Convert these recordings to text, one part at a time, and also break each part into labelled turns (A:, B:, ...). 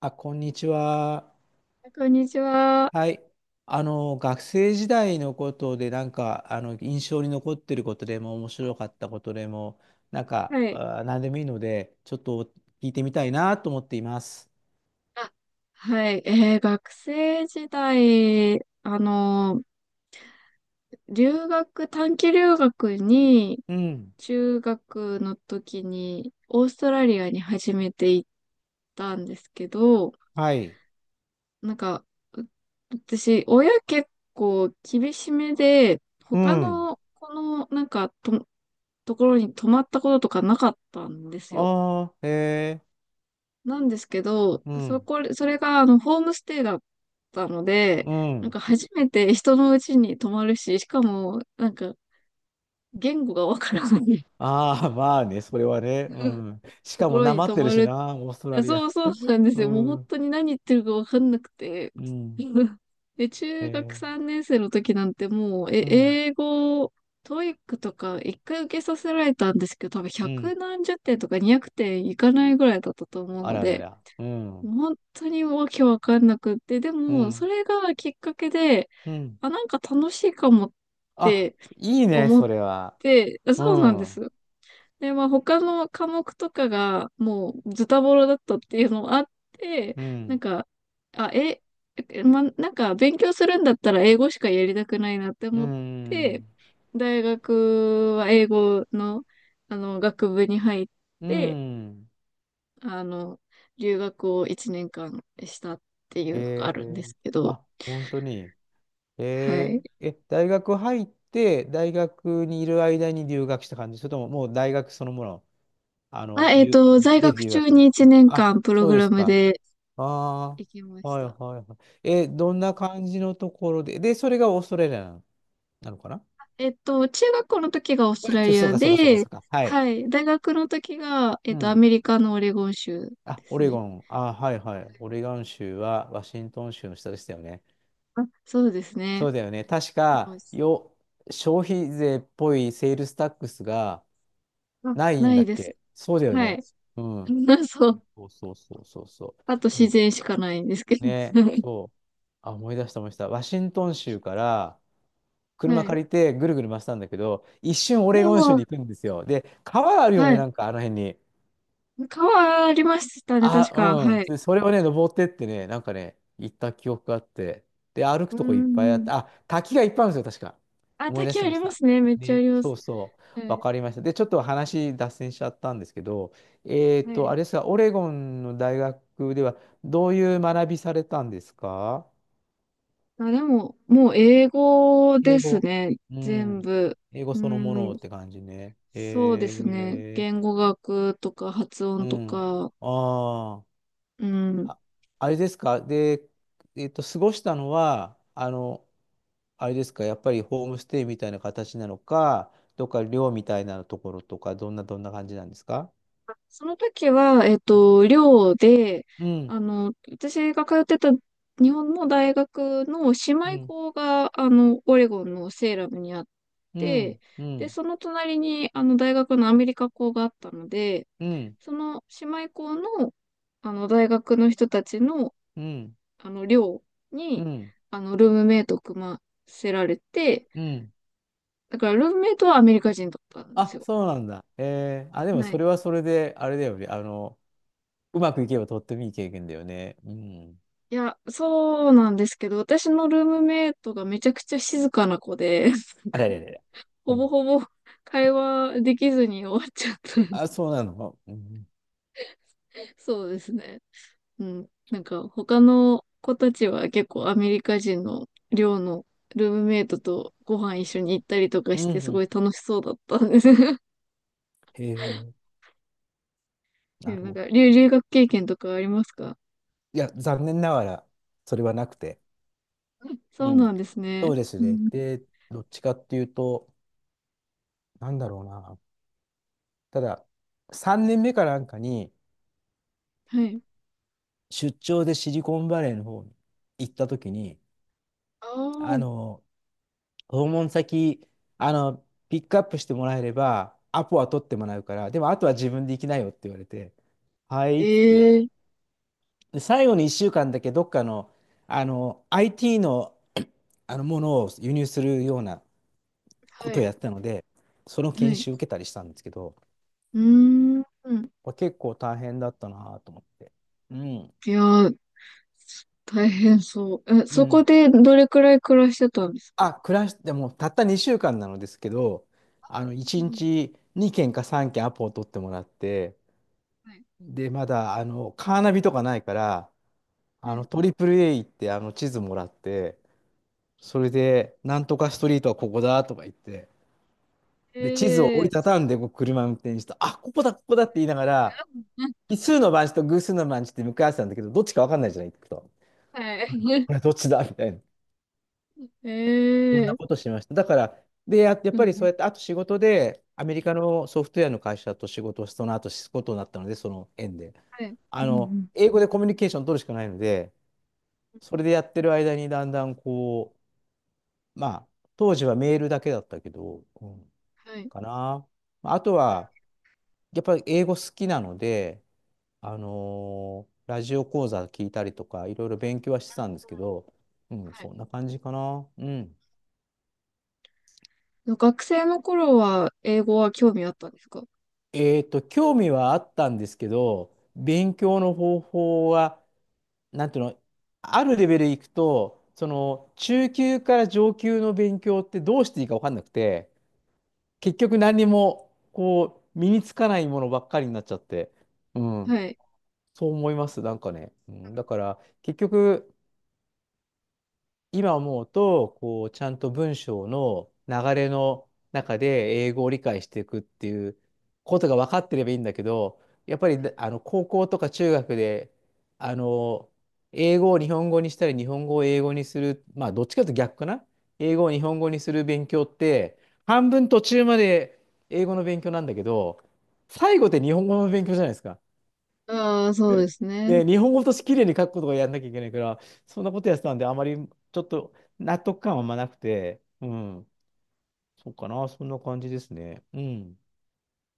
A: あ、こんにちは。
B: こんにちは。
A: はい。学生時代のことで、なんか、印象に残ってることでも、面白かったことでも、なんか、
B: はい。
A: 何でもいいので、ちょっと聞いてみたいなと思っています。
B: あ、はい。学生時代、短期留学に、
A: うん。
B: 中学の時に、オーストラリアに初めて行ったんですけど、
A: はい。
B: なんか、う私、親結構厳しめで、
A: う
B: 他
A: ん。
B: の、この、なんかと、ところに泊まったこととかなかったんですよ。
A: ああ、へえ。
B: なんですけど、
A: うん。
B: それがホームステイだったので、
A: う
B: なん
A: ん。
B: か初めて人の家に泊まるし、しかも、なんか言語がわからない
A: ああ、まあね、それはね。う ん。し
B: と
A: か
B: こ
A: も、
B: ろ
A: な
B: に
A: まっ
B: 泊
A: てる
B: ま
A: し
B: る。い
A: な、オーストラ
B: や、
A: リア。
B: そうそうなんです
A: う
B: よ。もう本
A: ん。
B: 当に何言ってるかわかんなくて。
A: うん。
B: で、
A: へ
B: 中学
A: え。
B: 3年生の時なんてもう、え、
A: うん。
B: 英語、トイックとか一回受けさせられたんですけど、多分
A: う
B: 100
A: ん。
B: 何十点とか200点いかないぐらいだったと思う
A: あ
B: の
A: らら
B: で、
A: ら。うん。
B: 本当にわけわかんなくって、で
A: う
B: も、そ
A: ん。
B: れがきっかけで、
A: うん。
B: あ、なんか楽しいかもっ
A: あ、
B: て
A: いいね、
B: 思
A: そ
B: っ
A: れは。
B: て、あ、
A: う
B: そうなんで
A: ん。
B: す。で、まあ他の科目とかがもうズタボロだったっていうのもあって、
A: う
B: なん
A: ん。
B: か、あ、え、なんか勉強するんだったら英語しかやりたくないなって
A: う
B: 思って、
A: ん。
B: 大学は英語の、学部に入っ
A: う
B: て、
A: ん。
B: あの、留学を1年間したっていうのが
A: え
B: あるんで
A: ー、
B: すけど、
A: あ、本当に。
B: はい。
A: 大学入って、大学にいる間に留学した感じ、それとももう大学そのもの、あの、留、
B: 在
A: で
B: 学
A: 留
B: 中
A: 学。
B: に1年
A: あ、
B: 間プロ
A: そう
B: グ
A: で
B: ラ
A: す
B: ム
A: か。
B: で
A: あ
B: 行きま
A: あ、
B: し
A: はいはい
B: た。
A: はい。どんな感じのところで、で、それがオーストラリアなのかな？
B: 中学校の時がオースト
A: あ、
B: ラリ
A: そう
B: ア
A: かそうかそうか
B: で、
A: そうか。はい。
B: はい、大学の時が、
A: う
B: ア
A: ん。
B: メリカのオレゴン州
A: あ、
B: で
A: オ
B: す
A: レ
B: ね。
A: ゴン。あ、はいはい。オレゴン州はワシントン州の下でしたよね。
B: あ、そうです
A: そ
B: ね。
A: うだよね。確
B: もう
A: か、消費税っぽいセールスタックスが
B: あ、
A: ない
B: な
A: んだ
B: い
A: っ
B: です。
A: け？そうだよ
B: はい。
A: ね。うん。
B: そう。
A: そうそうそうそうそ
B: あと
A: う。う
B: 自
A: ん、
B: 然しかないんですけど。
A: ね、そう。あ、思い出した思い出した。ワシントン州から車
B: はい。
A: 借りてぐるぐる回したんだけど、一瞬オ
B: で
A: レゴン州
B: も、
A: に行くんですよ。で、川あるよ
B: は
A: ね、
B: い。
A: なんかあの辺に。
B: 川ありましたね、確か。
A: あ、うん。
B: はい。
A: で、それをね、登ってってね、なんかね、行った記憶があって、で、歩く
B: うー
A: とこいっぱいあって、
B: ん。
A: あ、滝がいっぱいあるんですよ、確か。
B: あ、
A: 思い出し
B: 滝あ
A: てま
B: り
A: し
B: ま
A: た。
B: すね。めっちゃあ
A: ね、
B: りま
A: そ
B: す。
A: うそう、
B: は
A: わ
B: い。
A: かりました。で、ちょっと話脱線しちゃったんですけど、
B: はい。
A: あれですが、オレゴンの大学では、どういう学びされたんですか？
B: あ、でも、もう英語で
A: 英
B: す
A: 語。
B: ね。
A: う
B: 全
A: ん。
B: 部。
A: 英語
B: うー
A: そのもの
B: ん。
A: って感じね。
B: そうで
A: へ
B: すね。
A: え、
B: 言語学とか発
A: う
B: 音とか。
A: ん。ああ。
B: うん。
A: あ、あれですか、で、過ごしたのは、あれですか、やっぱりホームステイみたいな形なのか、どっか寮みたいなところとか、どんな感じなんですか？
B: その時は、寮で、
A: うん、
B: 私が通ってた日本の大学の姉
A: う
B: 妹
A: ん、
B: 校が、オレゴンのセーラムにあっ
A: う
B: て、
A: ん、う
B: で、
A: ん、
B: その隣に、大学のアメリカ校があったので、
A: うん、
B: その姉妹校の、大学の人たちの、
A: うん、
B: 寮
A: う
B: に、
A: ん、
B: ルームメイトを組ませられて、
A: うん。
B: だから、ルームメイトはアメリカ人だったんです
A: あ、
B: よ。
A: そうなんだ。あ、でも
B: は
A: そ
B: い、
A: れはそれで、あれだよね。うまくいけばとってもいい経験だよね。うん。
B: いや、そうなんですけど、私のルームメイトがめちゃくちゃ静かな子で、なん
A: あ
B: か
A: れれれれ。う
B: ほぼ
A: ん。
B: ほぼ会話できずに終わっちゃった。
A: あ、そうなの。うん。
B: そうですね。うん。なんか他の子たちは結構アメリカ人の寮のルームメイトとご飯一緒に行ったりとか
A: う
B: し
A: ん。
B: てす
A: う
B: ご
A: ん、
B: い楽しそうだったんです。
A: へえ、なる
B: なん
A: ほど。
B: か留学経験とかありますか？
A: いや、残念ながら、それはなくて。
B: うん、そ
A: う
B: うな
A: ん。
B: んです
A: そ
B: ね。
A: うです
B: う
A: ね。
B: ん。
A: で、どっちかっていうと、なんだろうな。ただ、3年目かなんかに、
B: はい。
A: 出張でシリコンバレーの方に行った時に、
B: あ
A: あ
B: あ、
A: の、訪問先、あの、ピックアップしてもらえれば、アポは取ってもらうから、でもあとは自分で行きなよって言われて、はいっつって。
B: ええ、
A: で、最後に1週間だけどっかの、IT の、あのものを輸入するようなこ
B: は
A: とを
B: い。
A: やってたので、その
B: は
A: 研
B: い。
A: 修受けたりしたんですけど、
B: うーん。
A: これ結構大変だったなと思って。うん。
B: いやー、大変そう。え、
A: う
B: そこ
A: ん。
B: でどれくらい暮らしてたんですか？
A: あ、暮らしてもうたった2週間なのですけど、1
B: うん、
A: 日2件か3件アポを取ってもらって、
B: はい。
A: で、まだ、カーナビとかないから、
B: はい。
A: トリプル A 行って、地図もらって、それで、なんとかストリートはここだとか言って、で、地図を折
B: え
A: り
B: え、
A: たたんで、こう車運転して、あ、ここだ、ここだって言いながら、
B: うん、
A: 奇数の番地と偶数の番地って向かい合わせたんだけど、どっちか分かんないじゃない、行くと。
B: はい。
A: これどっちだみたいな。こん
B: え
A: な
B: え、
A: ことしました。だから、で、や、やっ
B: う
A: ぱりそ
B: ん。
A: うやって、あと仕事で、アメリカのソフトウェアの会社と仕事をその後することになったので、その縁で。
B: はい。うん、うん。
A: 英語でコミュニケーション取るしかないので、それでやってる間にだんだんこう、まあ、当時はメールだけだったけど、うん、
B: はい。
A: かな。まああとは、やっぱり英語好きなので、ラジオ講座聞いたりとか、いろいろ勉強はしてたんですけど、うん、
B: はい。
A: そんな感じかな。うん。
B: 学生の頃は英語は興味あったんですか？
A: 興味はあったんですけど、勉強の方法は、なんていうの、あるレベルいくと、その、中級から上級の勉強ってどうしていいか分かんなくて、結局何にも、こう、身につかないものばっかりになっちゃって、うん、
B: はい。
A: そう思います、なんかね。うん、だから、結局、今思うと、こう、ちゃんと文章の流れの中で英語を理解していくっていうことが分かってればいいんだけど、やっぱり、高校とか中学で、あの、英語を日本語にしたり、日本語を英語にする、まあ、どっちかというと逆かな。英語を日本語にする勉強って、半分途中まで英語の勉強なんだけど、最後って日本語の勉強じゃないですか。
B: ああ、そうで すね。
A: で、日本語として綺麗に書くことがやんなきゃいけないから、そんなことやってたんで、あまりちょっと納得感はあんまなくて、うん、そうかな、そんな感じですね。うん。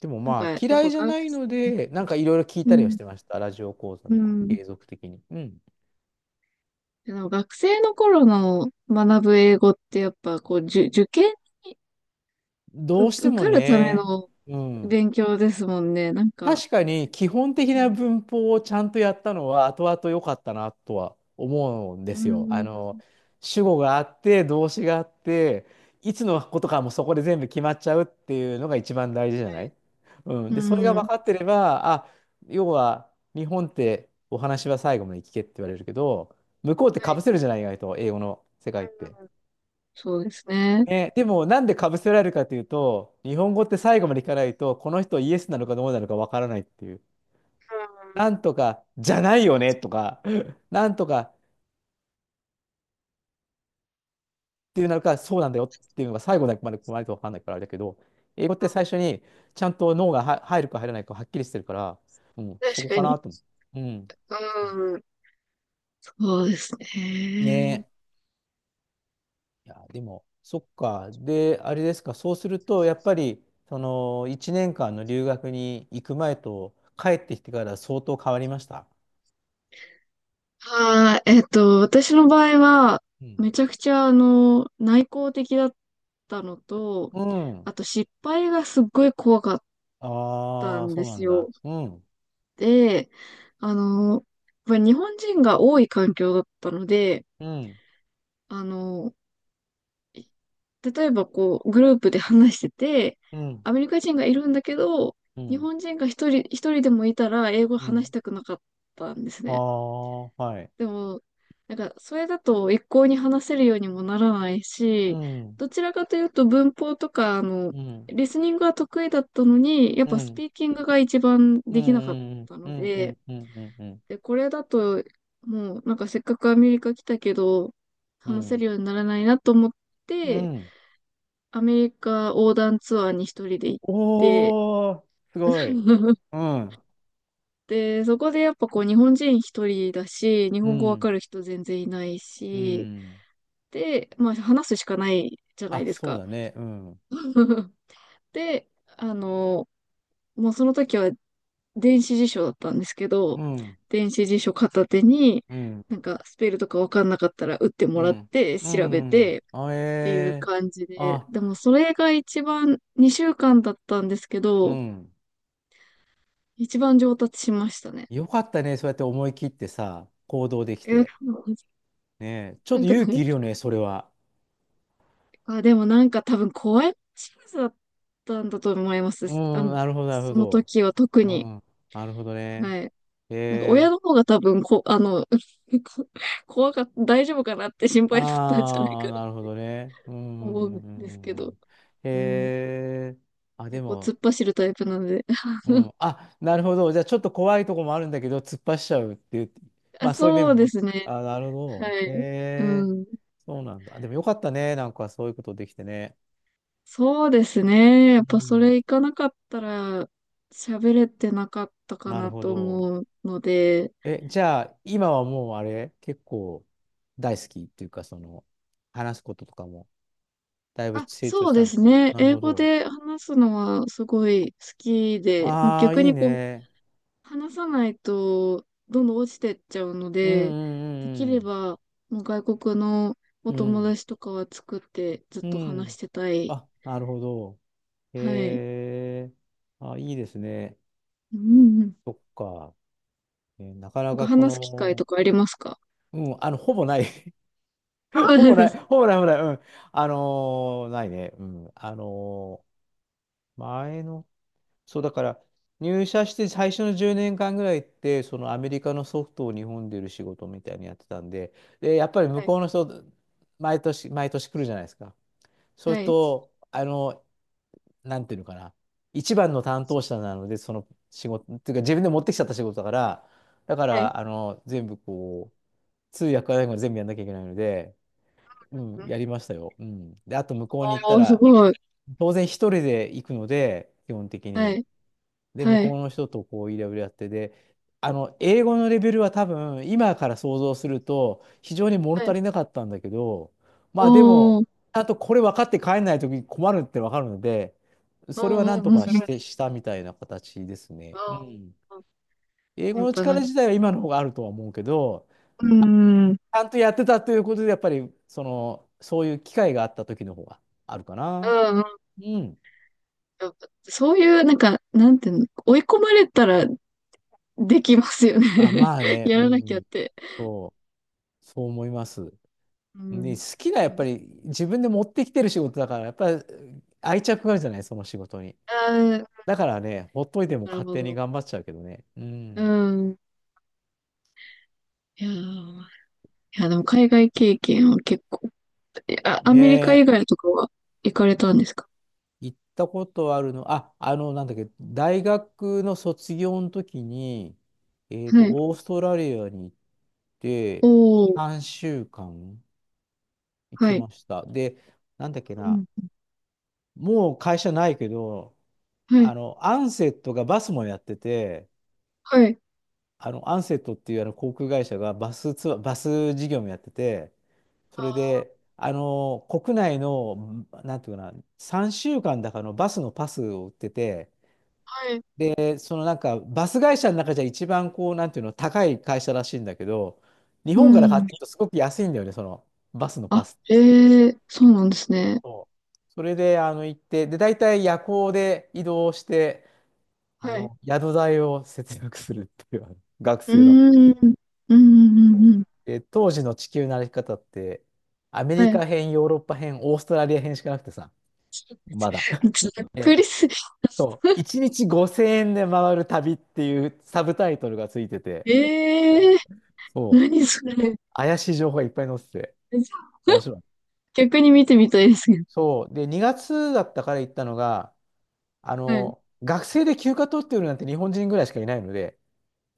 A: でも
B: なん
A: ま
B: か、
A: あ、
B: やっ
A: 嫌
B: ぱ
A: いじゃ
B: が
A: ないので、なんかいろいろ聞い
B: う
A: たりはし
B: ん、
A: てました。ラジオ講座
B: う
A: とか、
B: ん。
A: 継続的に。うん。
B: でも学生の頃の学ぶ英語ってやっぱこう、受験、
A: どうして
B: 受
A: も
B: かるため
A: ね、
B: の
A: うん。
B: 勉強ですもんね。なんか、
A: 確かに基本的
B: う
A: な
B: ん。
A: 文法をちゃんとやったのは後々良かったなとは思うんで
B: う
A: すよ。
B: ん、
A: 主語があって、動詞があって、いつのことかもそこで全部決まっちゃうっていうのが一番大事じゃ
B: は
A: な
B: い。
A: い？う
B: う
A: ん。で、それ
B: ん。
A: が
B: うん、
A: 分かってれば、あ、要は日本ってお話は最後まで聞けって言われるけど、向こうって
B: は
A: 被
B: い。
A: せるじゃない？意外と英語の世界って。
B: うん。そうですね。うん、
A: ね、でもなんで被せられるかというと、日本語って最後まで聞かないと、この人イエスなのかどうなのか分からないっていう。なんとかじゃないよねとか、なんとかっていうなるか、そうなんだよっていうのが最後まで来ないと分かんないからあれだけど、英語って最初にちゃんと脳がは入るか入らないかはっきりしてるから、うん、そ
B: 確
A: こ
B: か
A: か
B: に。
A: なと思う。うん。
B: うん。そうですね。
A: ねえ。いや、でも、そっか。で、あれですか、そうすると、やっぱり、その、1年間の留学に行く前と帰ってきてから相当変わりました？
B: はい。私の場合は、
A: うん。
B: めちゃくちゃ、内向的だったのと、
A: う
B: あ
A: ん。
B: と失敗がすっごい怖かった
A: ああ、
B: ん
A: そ
B: で
A: うな
B: す
A: ん
B: よ。
A: だ。うん。
B: で、やっぱり日本人が多い環境だったので、
A: うん。
B: あの、例えばこう、グループで話してて、
A: うん。
B: アメリカ人がいるんだけど、
A: う
B: 日
A: ん。
B: 本人が一人でもいたら英語
A: う
B: 話し
A: ん。
B: たくなかったんです
A: あ
B: ね。
A: あ、はい。
B: でも、なんか、それだと一向に話せるようにもならない
A: う
B: し、
A: ん、
B: どちらかというと文法とか、
A: うん、
B: リスニングは得意だったのに、やっ
A: う
B: ぱス
A: ん、
B: ピーキングが一番
A: う
B: できなかっ
A: ん、うん、
B: た
A: う
B: の
A: ん、う
B: で、
A: ん、うん、うん、うん、うん。
B: で、これだと、もう、なんかせっかくアメリカ来たけど、
A: う
B: 話せる
A: ん、
B: ようにならないなと思っ
A: う
B: て、
A: ん、
B: アメリカ横断ツアーに一人で行って、
A: おー、すご い。うん、
B: で、そこでやっぱこう日本人一人だし、日
A: う
B: 本語わ
A: ん、
B: かる人全然いない
A: う
B: し、
A: ん。
B: で、まあ話すしかないじゃな
A: あ、
B: いです
A: そう
B: か。
A: だね。うん、
B: で、あの、もうその時は電子辞書だったんですけど、
A: うん、
B: 電子辞書片手に、
A: うん、
B: なんかスペルとかわかんなかったら打って
A: う
B: もらっ
A: ん、
B: て
A: う
B: 調べ
A: ん。
B: て
A: あ、
B: っていう
A: え
B: 感じ
A: ー、
B: で、
A: あ、
B: でもそれが一番2週間だったんですけ
A: う
B: ど、
A: ん。
B: 一番上達しましたね。
A: よかったね。そうやって思い切ってさ、行動でき
B: え、
A: て。ねえ、ちょ
B: な
A: っ
B: ん
A: と
B: か、
A: 勇気いるよね、それは。
B: あ、でもなんか多分怖いシリーズだったんだと思います。
A: う
B: あ
A: ん、
B: の、
A: なるほど、なる
B: そ
A: ほ
B: の
A: ど。
B: 時は特
A: う
B: に。
A: ん、なるほどね。
B: はい。
A: へ
B: なんか親
A: え、
B: の方が多分こ、あの、こ怖かった、大丈夫かなって心配だったんじゃない
A: ああー、
B: かな
A: なるほどね。う
B: と
A: ん、う
B: 思う
A: ん、う
B: ん
A: ん、
B: です
A: う
B: け
A: ん、う
B: ど。
A: ん、へ
B: うん。
A: え、あ、
B: 結
A: で
B: 構突
A: も、
B: っ走るタイプなので。
A: うん、あ、なるほど。じゃあ、ちょっと怖いとこもあるんだけど、突っ走っちゃうっていう、
B: あ、
A: まあ、そういう面
B: そ
A: も
B: うで
A: 持つ。
B: すね。
A: あ、なるほ
B: は
A: ど。
B: い。
A: へえ、
B: うん。
A: そうなんだ。あ、でもよかったね。なんかそういうことできてね。
B: そうですね。や
A: う
B: っぱそ
A: ん。
B: れ行かなかったら喋れてなかったか
A: なる
B: な
A: ほ
B: と
A: ど。
B: 思うので、
A: え、じゃあ、今はもうあれ、結構大好きっていうか、その、話すこととかも。だいぶ
B: あ、
A: 成長
B: そう
A: した
B: で
A: んです
B: す
A: か。
B: ね。
A: なる
B: 英
A: ほ
B: 語
A: ど。
B: で話すのはすごい好きで、まあ
A: ああ、
B: 逆
A: いい
B: にこう、
A: ね。
B: 話さないとどんどん落ちてっちゃうの
A: うん
B: で、でき
A: う
B: れ
A: ん
B: ばもう外国のお
A: うんう
B: 友
A: ん。
B: 達とかは作ってずっ
A: うん。
B: と
A: う
B: 話し
A: ん。
B: てたい。
A: あ、なるほど。
B: はい。
A: へえ。あ、いいですね。
B: うん、うん。
A: そっか。なかな
B: なんか
A: かこ
B: 話す機会
A: の、
B: とかありますか？
A: うん、あの、ほぼない。
B: あ、
A: ほ
B: そう
A: ぼ
B: で
A: な
B: す。
A: い。ほぼない。ほぼない。うん。あのないね。うん。前の、そうだから入社して最初の10年間ぐらいって、そのアメリカのソフトを日本で売る仕事みたいにやってたんで、でやっぱり
B: は
A: 向
B: い。
A: こうの人、毎年毎年来るじゃないですか。そうす
B: は
A: る
B: い。
A: とあの、なんていうのかな、一番の担当者なので、その仕事っていうか自分で持ってきちゃった仕事だから、だか
B: はい。
A: らあの、全部こう通訳からら全部やんなきゃいけないので、うん、やりましたよ。うん、であと向こうに行った
B: おー、す
A: ら、
B: ごい。
A: 当然一人で行くので基本的
B: は
A: に。
B: い、
A: で、向
B: は
A: こう
B: い、
A: の人とこう、いろいろやってで、あの、英語のレベルは多分、今から想像すると、非常に物
B: は
A: 足
B: い。
A: りなかったんだけど、まあで
B: お
A: も、
B: ー、
A: ちゃんとこれ分かって帰んないときに困るって分かるので、
B: お
A: それはな
B: ー、おー、
A: ん
B: う
A: と
B: ん、
A: か
B: それ
A: し
B: はね
A: て、したみたいな形です
B: お
A: ね。うん。
B: ー
A: 英
B: うん
A: 語
B: やっ
A: の
B: ぱなん
A: 力
B: か、
A: 自体は今の方があるとは思うけど、
B: うん、
A: あ、ち
B: うん、う
A: ゃんとやってたということで、やっぱり、その、そういう機会があった時の方があるかな。
B: ん、
A: うん。
B: やっぱそういう、なんか、なんていうの、追い込まれたらできますよね。
A: あ、まあ ね、
B: や
A: う
B: らなきゃっ
A: ん。
B: て。
A: そう、そう思います。
B: う
A: で、
B: ん。
A: 好きな、や
B: う
A: っ
B: ん、
A: ぱり自分で持ってきてる仕事だから、やっぱり愛着があるじゃない、その仕事に。
B: ああ、
A: だからね、ほっといても
B: なる
A: 勝
B: ほ
A: 手に
B: ど。
A: 頑張っちゃうけどね。う
B: う
A: ん。
B: ん。いやー、いや、でも海外経験は結構、あ、ア
A: ね
B: メリカ以
A: え、
B: 外とかは行かれたんですか？
A: 行ったことあるの、あ、あの、なんだっけ、大学の卒業の時に、
B: はい。
A: オーストラリアに行っ
B: お
A: て、
B: ー、
A: 3週間行
B: は
A: き
B: い。
A: ました。で、なんだっけ
B: う
A: な、
B: ん。
A: もう会社ないけど、
B: はい、
A: あの、アンセットがバスもやってて、
B: はい。
A: あの、アンセットっていうあの航空会社がバスツアー、バス事業もやってて、
B: あ
A: それ
B: ー、
A: で、あの、国内の、なんていうかな、3週間だかのバスのパスを売ってて、
B: はい。
A: でそのなんか、バス会社の中じゃ一番こう、なんていうの、高い会社らしいんだけど、日
B: う
A: 本から買っ
B: ん。
A: ていくとすごく安いんだよね、そのバスのパ
B: あ、
A: ス。
B: へえ、そうなんですね。
A: そう、それで、あの、行って、で、大体夜行で移動して、あ
B: はい。
A: の、宿代を節約するっていう、あの、学
B: う
A: 生だった。
B: ーん。うん、うん、うん、うん。
A: で、当時の地球の歩き方って、アメ
B: は
A: リ
B: い。
A: カ編、ヨーロッパ編、オーストラリア編しかなくてさ、まだ。
B: ざ っく
A: え、
B: りす、
A: そう、1日5000円で回る旅っていうサブタイトルがついてて、
B: ええ、
A: そう、
B: 何それ。
A: 怪しい情報がいっぱい載ってて、面白い。
B: 逆に見てみたいですけど。
A: そう、で、2月だったから行ったのが、あ
B: はい。
A: の、学生で休暇取ってるなんて日本人ぐらいしかいないので、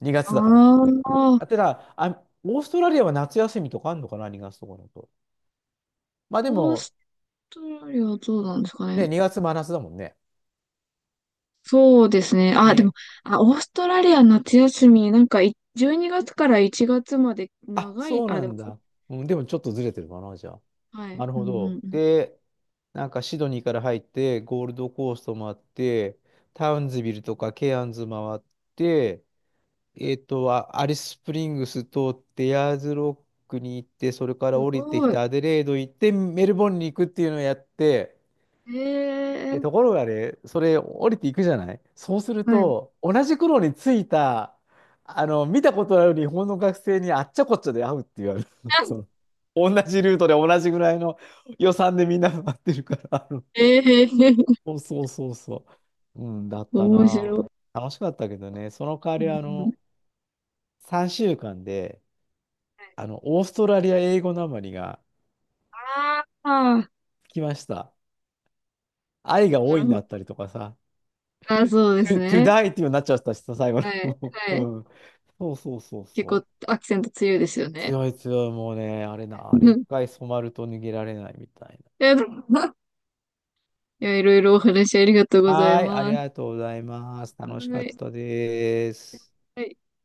A: 2月だから。
B: ああ、
A: あてだ、あ、オーストラリアは夏休みとかあんのかな、2月とかだと。まあで
B: オー
A: も、
B: ストラリアはどうなんですか
A: ね、
B: ね。
A: 2月真夏だもんね。
B: そうですね。あ、でも、
A: に、
B: あ、オーストラリア夏休み、なんかい、12月から1月まで
A: あ、
B: 長い、
A: そう
B: あ、
A: な
B: でも、
A: んだ。うん、でもちょっとずれてるかな、じゃあ。
B: はい。
A: なる
B: う
A: ほ
B: ん、うん、
A: ど。
B: うん。
A: で、なんかシドニーから入って、ゴールドコースト回って、タウンズビルとかケアンズ回って、あ、アリススプリングス通って、ヤーズロックに行って、それから
B: す
A: 降りてき
B: ごい。
A: て、アデレード行って、メルボルンに行くっていうのをやって、
B: え
A: で、
B: え、
A: ところがね、それ降りていくじゃない、そうする
B: はい。
A: と、同じ頃に着いた、あの、見たことある日本の学生にあっちゃこっちゃで会うって言われる。その、同じルートで同じぐらいの予算でみんな待ってるから。あの、
B: ええ、
A: そうそうそうそう。うん、だった
B: 面白
A: な。
B: い。
A: 楽しかったけどね、その代わ
B: う
A: り、
B: ん、
A: あ
B: うん。
A: の、3週間で、あの、オーストラリア英語なまりが
B: ああ、
A: つきました。愛が多
B: な
A: い
B: る
A: に
B: ほ
A: なっ
B: ど。
A: たりとかさ、
B: ああ、そうです
A: to, to
B: ね。
A: die っていうようになっちゃったしさ、最後
B: はい、
A: の。
B: はい。
A: うん。そうそうそう
B: 結
A: そ
B: 構
A: う。
B: アクセント強いですよね。
A: 強い強い、もうね、あれな、あれ
B: う
A: 一
B: ん。い
A: 回染まると逃げられないみたい
B: や、でもいろいろお話ありがとう
A: な。
B: ござい
A: はーい、あり
B: ます。
A: がとうございます。楽し
B: は
A: かっ
B: い。
A: たです。
B: はい